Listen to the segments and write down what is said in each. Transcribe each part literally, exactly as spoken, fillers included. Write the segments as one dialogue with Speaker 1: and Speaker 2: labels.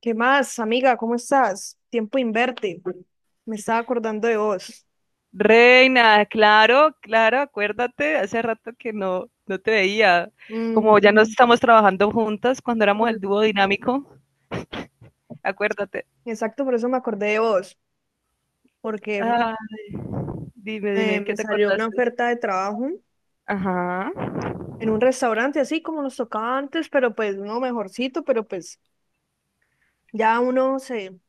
Speaker 1: ¿Qué más, amiga? ¿Cómo estás? Tiempo inverte. Me estaba acordando de vos.
Speaker 2: Reina, claro, claro, acuérdate, hace rato que no, no te veía.
Speaker 1: Mm,
Speaker 2: Como ya no estamos trabajando juntas cuando éramos el
Speaker 1: mm,
Speaker 2: dúo dinámico, acuérdate.
Speaker 1: exacto, por eso me acordé de vos, porque
Speaker 2: Ah, dime,
Speaker 1: eh,
Speaker 2: dime, ¿qué
Speaker 1: me
Speaker 2: te
Speaker 1: salió una
Speaker 2: acordaste?
Speaker 1: oferta de trabajo
Speaker 2: Ajá.
Speaker 1: en un restaurante, así como nos tocaba antes, pero pues no mejorcito, pero pues ya uno se,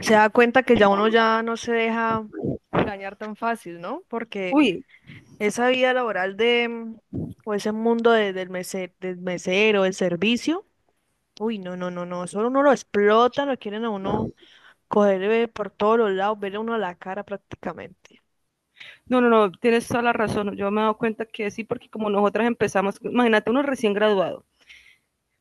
Speaker 1: se da cuenta que ya uno ya no se deja engañar tan fácil, ¿no? Porque
Speaker 2: Uy,
Speaker 1: esa vida laboral de, mm, o ese mundo de- del mese- del mesero, del servicio. Uy, no, no, no, no, solo uno lo explotan, lo quieren a uno coger eh, por todos los lados, verle a uno a la cara prácticamente.
Speaker 2: no, no, no, tienes toda la razón. Yo me he dado cuenta que sí, porque como nosotras empezamos, imagínate uno recién graduado,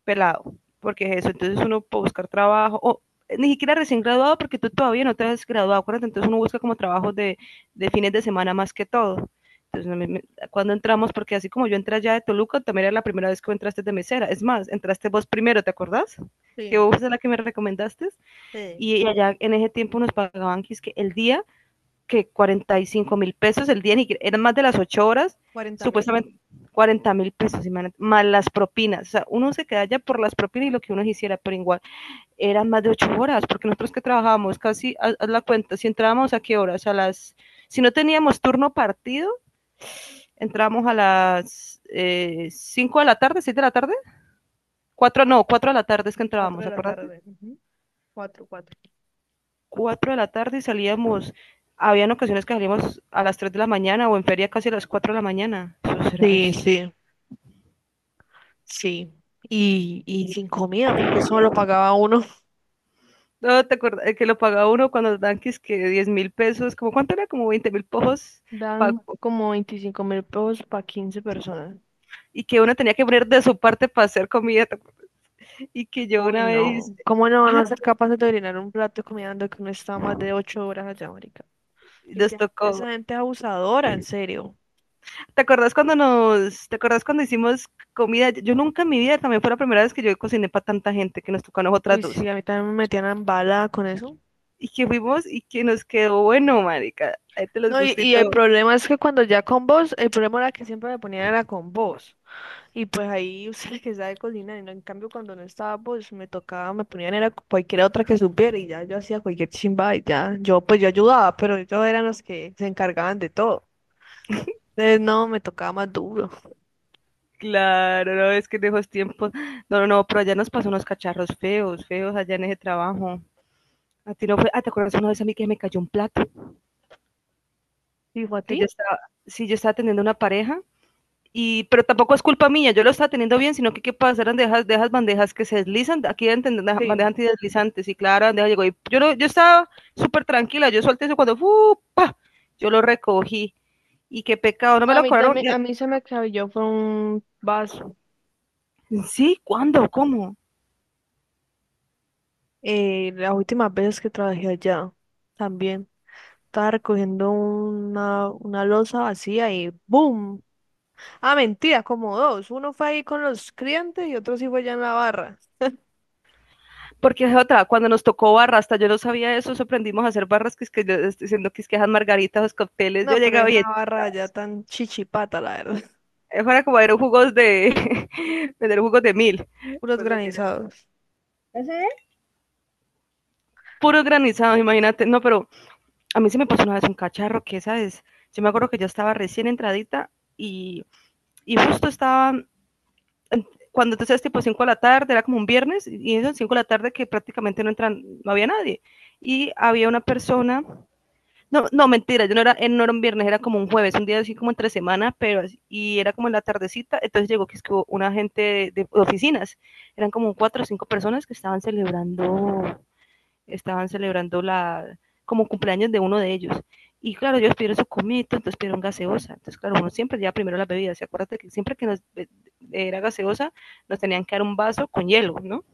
Speaker 2: pelado, porque es eso, entonces uno puede buscar trabajo, o ni siquiera recién graduado, porque tú todavía no te has graduado, acuérdate, entonces uno busca como trabajos de, de fines de semana más que todo. Entonces, cuando entramos, porque así como yo entré allá de Toluca, también era la primera vez que entraste de mesera. Es más, entraste vos primero, ¿te acordás? Que
Speaker 1: Sí,
Speaker 2: vos es la que me recomendaste.
Speaker 1: sí,
Speaker 2: Y allá en ese tiempo nos pagaban que el día que cuarenta y cinco mil pesos el día, eran más de las ocho horas,
Speaker 1: cuarenta mil,
Speaker 2: supuestamente cuarenta mil pesos, más las propinas. O sea, uno se queda ya por las propinas y lo que uno quisiera, pero igual eran más de ocho horas, porque nosotros que trabajábamos casi, haz, la cuenta, si entrábamos a qué horas, a las, si no teníamos turno partido, entrábamos a las eh, cinco de la tarde, seis de la tarde, cuatro no, cuatro de la tarde es que
Speaker 1: cuatro
Speaker 2: entrábamos,
Speaker 1: de la
Speaker 2: acuérdate.
Speaker 1: tarde, ujú, cuatro 4.
Speaker 2: Cuatro de la tarde y salíamos. Habían ocasiones que salíamos a las tres de la mañana o en feria casi a las cuatro de la mañana. Eso será
Speaker 1: Sí,
Speaker 2: eso.
Speaker 1: sí, sí. Y, y sin comida, porque eso lo pagaba uno.
Speaker 2: No, ¿te acuerdas que lo pagaba uno cuando los tanques que diez mil pesos, como cuánto era, como veinte mil pojos
Speaker 1: Dan como veinticinco mil pesos para quince personas.
Speaker 2: y que uno tenía que poner de su parte para hacer comida y que yo
Speaker 1: Uy,
Speaker 2: una vez,
Speaker 1: no. ¿Cómo no van
Speaker 2: ah,
Speaker 1: a ser capaces de llenar un plato de comida dando que uno está más de ocho horas allá, marica? Y
Speaker 2: nos
Speaker 1: literalmente,
Speaker 2: tocó?
Speaker 1: esa gente es abusadora, en serio.
Speaker 2: ¿Te acuerdas cuando nos, ¿te acuerdas cuando hicimos comida? Yo nunca en mi vida, también fue la primera vez que yo cociné para tanta gente que nos tocó a nosotras
Speaker 1: Uy,
Speaker 2: dos.
Speaker 1: sí, a mí también me metían en bala con eso.
Speaker 2: Y que fuimos y que nos quedó bueno, marica. Ahí te los
Speaker 1: No, y,
Speaker 2: gustó y
Speaker 1: y el
Speaker 2: todo.
Speaker 1: problema es que cuando ya con vos, el problema era que siempre me ponían era con vos. Y pues ahí usted que sabe cocinar, y no, en cambio cuando no estaba vos, me tocaba, me ponían era cualquier otra que supiera y ya yo hacía cualquier chimba y ya, yo pues yo ayudaba, pero ellos eran los que se encargaban de todo. Entonces no, me tocaba más duro.
Speaker 2: Claro, no, es que en esos tiempos. No, no, no, pero allá nos pasó unos cacharros feos, feos allá en ese trabajo. A ti no fue. Ah, ¿te acuerdas una vez a mí que me cayó un plato?
Speaker 1: ¿Dijo a
Speaker 2: Que
Speaker 1: ti?
Speaker 2: yo estaba. Sí, yo estaba atendiendo una pareja. Y, pero tampoco es culpa mía, yo lo estaba teniendo bien, sino que qué pasa, eran de esas, de esas bandejas que se deslizan, aquí entender
Speaker 1: Sí.
Speaker 2: bandejas antideslizantes, y claro, la bandeja llegó, y yo, no, yo estaba súper tranquila, yo solté eso cuando, ¡fupa!, yo lo recogí, y qué pecado, no me
Speaker 1: A
Speaker 2: lo
Speaker 1: mí
Speaker 2: cobraron.
Speaker 1: también,
Speaker 2: Y
Speaker 1: a mí se me acabó fue un vaso.
Speaker 2: sí, ¿cuándo? ¿Cómo?
Speaker 1: Eh, las últimas veces que trabajé allá, también estaba recogiendo una, una loza vacía y ¡boom! Ah, mentira, como dos. Uno fue ahí con los clientes y otro sí fue allá en la barra.
Speaker 2: Porque es otra, cuando nos tocó barra, hasta yo no sabía eso, eso aprendimos a hacer barras, que es que yo estoy diciendo que es que esas margaritas, los cócteles, yo
Speaker 1: No, pero
Speaker 2: llegaba y
Speaker 1: esa barra allá tan chichipata, la verdad.
Speaker 2: fuera como vender jugos de vender jugos de mil,
Speaker 1: Puros
Speaker 2: pues mentira,
Speaker 1: granizados.
Speaker 2: puros granizados, imagínate. No, pero a mí se me pasó una vez un cacharro que esa es, yo me acuerdo que yo estaba recién entradita y, y justo estaba cuando entonces tipo cinco de la tarde, era como un viernes, y eso cinco de la tarde que prácticamente no entran, no había nadie. Y había una persona. No, no, mentira, yo no era, eh, no era un viernes, era como un jueves, un día así como entre semana, pero así-, y era como en la tardecita, entonces llegó que es que hubo una gente de, de oficinas, eran como cuatro o cinco personas que estaban celebrando, estaban celebrando la, como cumpleaños de uno de ellos. Y claro, ellos pidieron su comito, entonces pidieron gaseosa. Entonces, claro, uno siempre lleva primero las bebidas. Y acuérdate que siempre que nos eh, era gaseosa, nos tenían que dar un vaso con hielo, ¿no?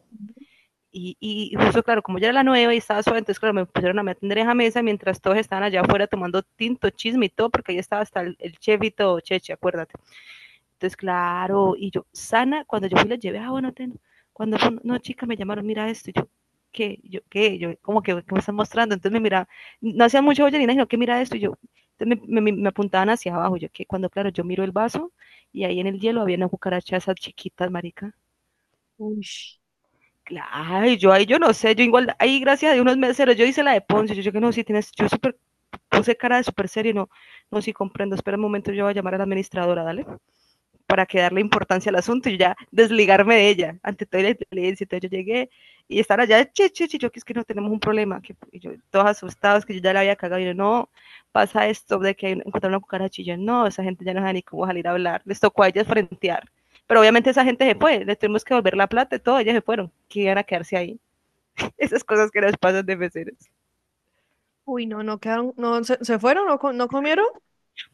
Speaker 2: Y, y justo, claro, como yo era la nueva y estaba sola, entonces, claro, me pusieron a me atender en la mesa mientras todos estaban allá afuera tomando tinto, chisme y todo, porque ahí estaba hasta el, el chef y todo, cheche, acuérdate. Entonces, claro, y yo, sana, cuando yo fui la llevé, ah, bueno, ten, cuando fue, no, chica, me llamaron, mira esto, y yo, ¿qué? Yo, ¿qué? Yo, como que, ¿qué me están mostrando? Entonces me miraba, no hacía mucha bollerina, sino que mira esto, y yo, entonces me, me, me, apuntaban hacia abajo, yo, que cuando, claro, yo miro el vaso, y ahí en el hielo había unas cucarachas esas chiquitas, marica.
Speaker 1: Uy,
Speaker 2: Ay, yo ahí yo no sé, yo igual, ahí gracias a Dios unos meseros, yo hice la de Ponce, yo, yo no, sí tienes, yo super, puse cara de súper serio, no, no, sí comprendo, espera un momento, yo voy a llamar a la administradora, dale para que darle importancia al asunto y ya desligarme de ella ante toda la inteligencia. Entonces yo llegué y están allá, che, che, che, yo que es que no tenemos un problema, que yo, todos asustados, que yo ya la había cagado, y yo, no, pasa esto de que encontraron una cucaracha, y yo, no, esa gente ya no sabe ni cómo salir a hablar, les tocó a ellas frentear, pero obviamente esa gente se fue, les tuvimos que volver la plata y todo, ellas se fueron, que iban a quedarse ahí. Esas cosas que nos pasan de meseros.
Speaker 1: uy, no, no quedaron, no, ¿se, se fueron? ¿No, co- no comieron?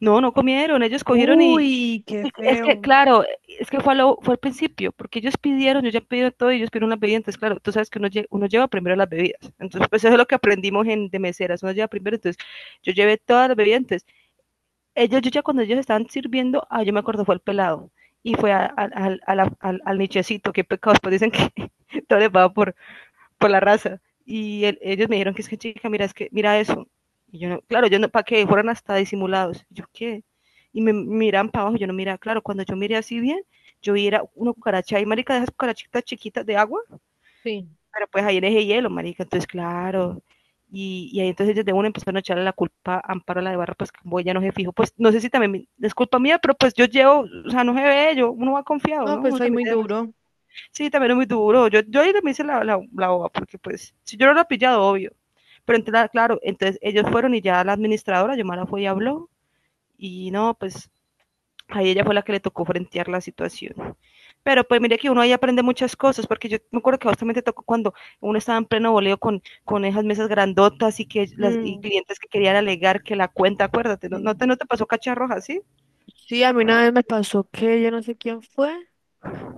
Speaker 2: No, no comieron, ellos cogieron y,
Speaker 1: Uy, qué
Speaker 2: y- y es que,
Speaker 1: feo.
Speaker 2: claro, es que fue, a lo- fue al principio, porque ellos pidieron, yo ya he pedido todo y ellos pidieron las bebidas, entonces, claro, tú sabes que uno, lle- uno lleva primero las bebidas, entonces, pues eso es lo que aprendimos en, de meseras, uno lleva primero, entonces, yo llevé todas las bebidas, entonces, ellos, yo ya cuando ellos estaban sirviendo, ah, yo me acuerdo, fue el pelado, y fue a- al al- a la- al- al nichecito, qué pecados, pues dicen que todo les va por por la raza. Y el, ellos me dijeron que es que chica, mira, es que mira eso. Y yo no, claro, yo no, para que fueran hasta disimulados. Yo qué. Y me miran para abajo, yo no mira, claro, cuando yo miré así bien, yo vi era una cucaracha ahí, marica, de esas cucarachitas chiquitas de agua,
Speaker 1: Sí.
Speaker 2: pero pues ahí era ese hielo, marica, entonces claro. Y, y ahí entonces ellos de una empezaron a echarle la culpa a Amparo la de Barra, pues como ella no se fijo, pues no sé si también es culpa mía, pero pues yo llevo, o sea, no se ve, yo, uno va confiado,
Speaker 1: No,
Speaker 2: ¿no?
Speaker 1: pues
Speaker 2: Uno
Speaker 1: ahí
Speaker 2: también
Speaker 1: muy duro.
Speaker 2: sí, también es muy duro. Yo, yo ahí también hice la, la, la boba, porque pues, si yo no lo he pillado, obvio. Pero entonces, claro, entonces ellos fueron y ya la administradora, Yomara, fue y habló, y no, pues ahí ella fue la que le tocó frentear la situación. Pero pues mire que uno ahí aprende muchas cosas, porque yo me acuerdo que justamente tocó cuando uno estaba en pleno boleo con, con esas mesas grandotas y que las y
Speaker 1: Mm,
Speaker 2: clientes que querían alegar que la cuenta, acuérdate, no, no
Speaker 1: sí.
Speaker 2: te, no te pasó cacharroja, ¿sí?
Speaker 1: Sí, a mí una vez me pasó que yo no sé quién fue.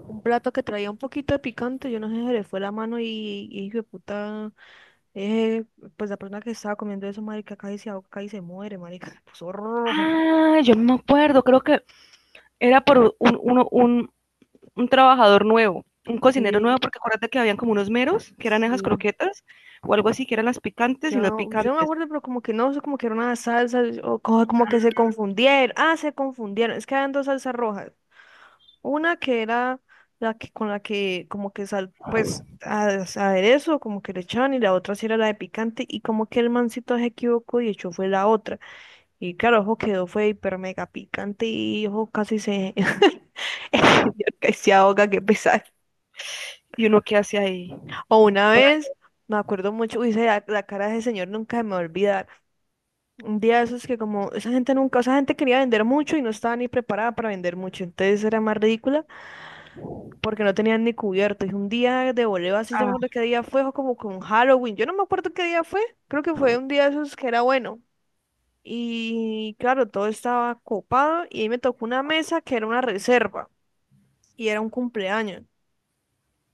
Speaker 1: Un plato que traía un poquito de picante, yo no sé, se le fue la mano y, y hijo de puta, eh, pues la persona que estaba comiendo eso, marica, casi se ahoga, casi se muere, marica, se puso rojo.
Speaker 2: Ah, yo no me acuerdo, creo que era por un, uno, un, un trabajador nuevo, un cocinero nuevo,
Speaker 1: Sí,
Speaker 2: porque acuérdate que habían como unos meros, que eran esas
Speaker 1: sí.
Speaker 2: croquetas, o algo así, que eran las picantes y no
Speaker 1: Yo, yo no me
Speaker 2: picantes.
Speaker 1: acuerdo, pero como que no, como que era una salsa, o co- como que se confundieron. Ah, se confundieron. Es que habían dos salsas rojas. Una que era la que con la que como que sal, pues a- aderezo, como que le echaban, y la otra sí era la de picante, y como que el mancito se equivocó y echó fue la otra. Y claro, ojo quedó, fue hiper mega picante y ojo casi se... casi se ahoga, qué pesar.
Speaker 2: Y uno que hace ahí.
Speaker 1: O una
Speaker 2: Para-,
Speaker 1: vez, me acuerdo mucho, uy, esa- la, la cara de ese señor nunca se me va a olvidar. Un día de esos que como, esa gente nunca, esa gente quería vender mucho y no estaba ni preparada para vender mucho. Entonces era más ridícula porque no tenían ni cubierto. Y un día de voleo así, yo me
Speaker 2: ah,
Speaker 1: acuerdo qué día fue, o como con Halloween. Yo no me acuerdo qué día fue, creo que fue un día de esos que era bueno. Y claro, todo estaba copado y ahí me tocó una mesa que era una reserva y era un cumpleaños.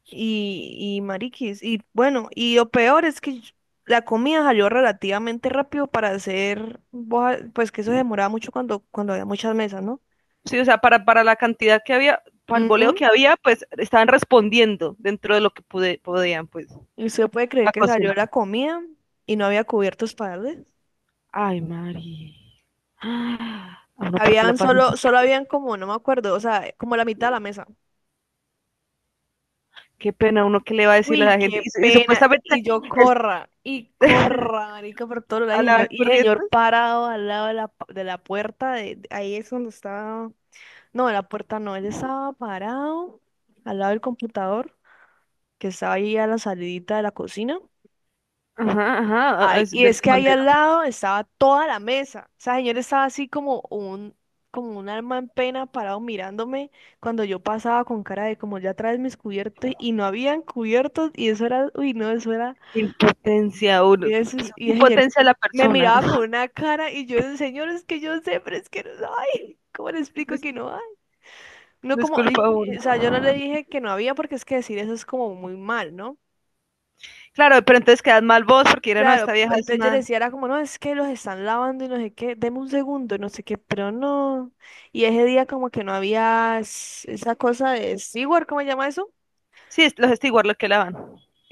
Speaker 1: Y, y mariquis, y bueno, y lo peor es que yo- la comida salió relativamente rápido para hacer, boja- pues que eso se demoraba mucho cuando, cuando había muchas mesas, ¿no?
Speaker 2: sí, o sea, para, para la cantidad que había, para el boleo que
Speaker 1: Ujú.
Speaker 2: había, pues estaban respondiendo dentro de lo que pude, podían, pues,
Speaker 1: Y usted puede creer
Speaker 2: la
Speaker 1: que salió
Speaker 2: cocina.
Speaker 1: la comida y no había cubiertos para darle.
Speaker 2: Ay, Mari. Ah, a uno, ¿por qué la
Speaker 1: Habían
Speaker 2: pasan?
Speaker 1: solo, solo habían como, no me acuerdo, o sea, como la mitad de la mesa.
Speaker 2: Qué pena, uno qué le va a decir a
Speaker 1: Uy,
Speaker 2: la gente.
Speaker 1: qué
Speaker 2: Y, y
Speaker 1: pena.
Speaker 2: supuestamente,
Speaker 1: Y yo
Speaker 2: este,
Speaker 1: corra, y corra, marica, por todos lados.
Speaker 2: a
Speaker 1: Y
Speaker 2: la
Speaker 1: yo- y el señor
Speaker 2: Barcurrietas,
Speaker 1: parado al lado de la, pu- de la puerta, de, de- ahí es donde estaba. No, de la puerta no, él estaba parado al lado del computador, que estaba ahí a la salidita de la cocina.
Speaker 2: ajá, ajá,
Speaker 1: Ay,
Speaker 2: es
Speaker 1: y
Speaker 2: del
Speaker 1: es que ahí
Speaker 2: comandante.
Speaker 1: al lado estaba toda la mesa. O sea, señor estaba así como un, como un alma en pena parado mirándome cuando yo pasaba con cara de como ya traes mis cubiertos y no habían cubiertos y eso era, uy, no, eso era.
Speaker 2: Qué impotencia uno,
Speaker 1: Y ese
Speaker 2: qué
Speaker 1: es- y ese señor
Speaker 2: impotencia de la
Speaker 1: me
Speaker 2: persona.
Speaker 1: miraba con una cara y yo, señor, es que yo sé, pero es que no hay. ¿Cómo le explico que no hay? No como, y-
Speaker 2: Disculpa uno.
Speaker 1: y, o sea, yo no le dije que no había porque es que decir eso es como muy mal, ¿no?
Speaker 2: Claro, pero entonces quedan mal vos porque dirán, no, esta
Speaker 1: Claro,
Speaker 2: vieja es
Speaker 1: entonces yo le
Speaker 2: una.
Speaker 1: decía, era como, no, es que los están lavando y no sé qué, deme un segundo, no sé qué, pero no. Y ese día como que no había es- esa cosa de steward, ¿cómo se llama eso?
Speaker 2: Sí, es- los está igual lo que la van.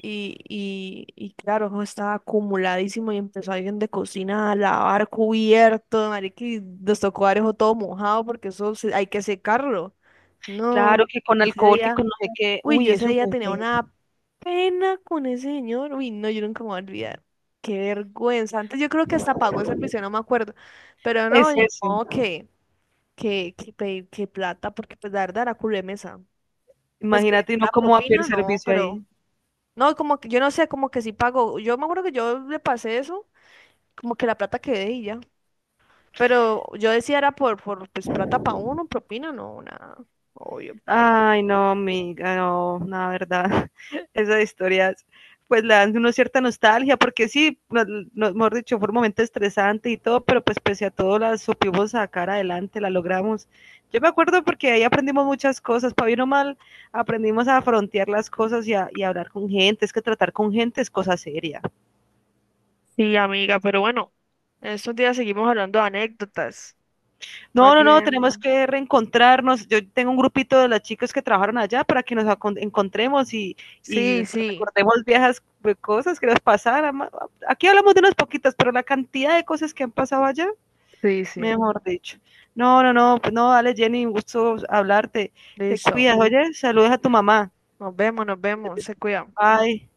Speaker 1: Y, y, y claro, eso estaba acumuladísimo y empezó alguien de cocina a lavar cubiertos, marica, y nos tocó dar eso todo mojado porque eso se- hay que secarlo.
Speaker 2: Claro,
Speaker 1: No,
Speaker 2: que con
Speaker 1: ese
Speaker 2: alcohol, que
Speaker 1: día,
Speaker 2: con no sé qué.
Speaker 1: uy, yo
Speaker 2: Uy,
Speaker 1: ese
Speaker 2: eso
Speaker 1: día
Speaker 2: fue
Speaker 1: tenía
Speaker 2: feo.
Speaker 1: una pena con ese señor, uy, no, yo nunca me voy a olvidar. Qué vergüenza. Antes yo creo que hasta pagó el servicio, no me acuerdo, pero no,
Speaker 2: Es
Speaker 1: ni
Speaker 2: ese.
Speaker 1: modo que, que, que, pe- que plata, porque pues la verdad era culo de mesa. Pues que
Speaker 2: Imagínate uno
Speaker 1: la
Speaker 2: cómo va a pedir
Speaker 1: propina, no,
Speaker 2: servicio
Speaker 1: pero...
Speaker 2: ahí.
Speaker 1: No, como que yo no sé, como que si pago. Yo me acuerdo que yo le pasé eso, como que la plata quedé y ya. Pero yo decía era por, por pues plata para uno, propina, no, nada. Obvio, pay.
Speaker 2: Ay, no, amiga, no, no, la verdad, esas historias pues le dan una cierta nostalgia, porque sí, no, no, mejor dicho, fue un momento estresante y todo, pero pues pese a todo la supimos sacar adelante, la logramos. Yo me acuerdo porque ahí aprendimos muchas cosas, para bien o mal, aprendimos a frontear las cosas y a, y a hablar con gente, es que tratar con gente es cosa seria.
Speaker 1: Sí, amiga, pero bueno, estos días seguimos hablando de anécdotas.
Speaker 2: No,
Speaker 1: Más
Speaker 2: no, no, tenemos
Speaker 1: bien,
Speaker 2: que reencontrarnos. Yo tengo un grupito de las chicas que trabajaron allá para que nos acon- encontremos y, y
Speaker 1: sí, sí,
Speaker 2: recordemos viejas cosas que nos pasaron. Aquí hablamos de unas poquitas, pero la cantidad de cosas que han pasado allá,
Speaker 1: sí, sí.
Speaker 2: mejor dicho. No, no, no, pues no, dale Jenny, un gusto hablarte. Te
Speaker 1: Listo.
Speaker 2: cuidas, oye, saludos a tu mamá.
Speaker 1: Nos vemos, nos vemos. Se cuidan.
Speaker 2: Bye.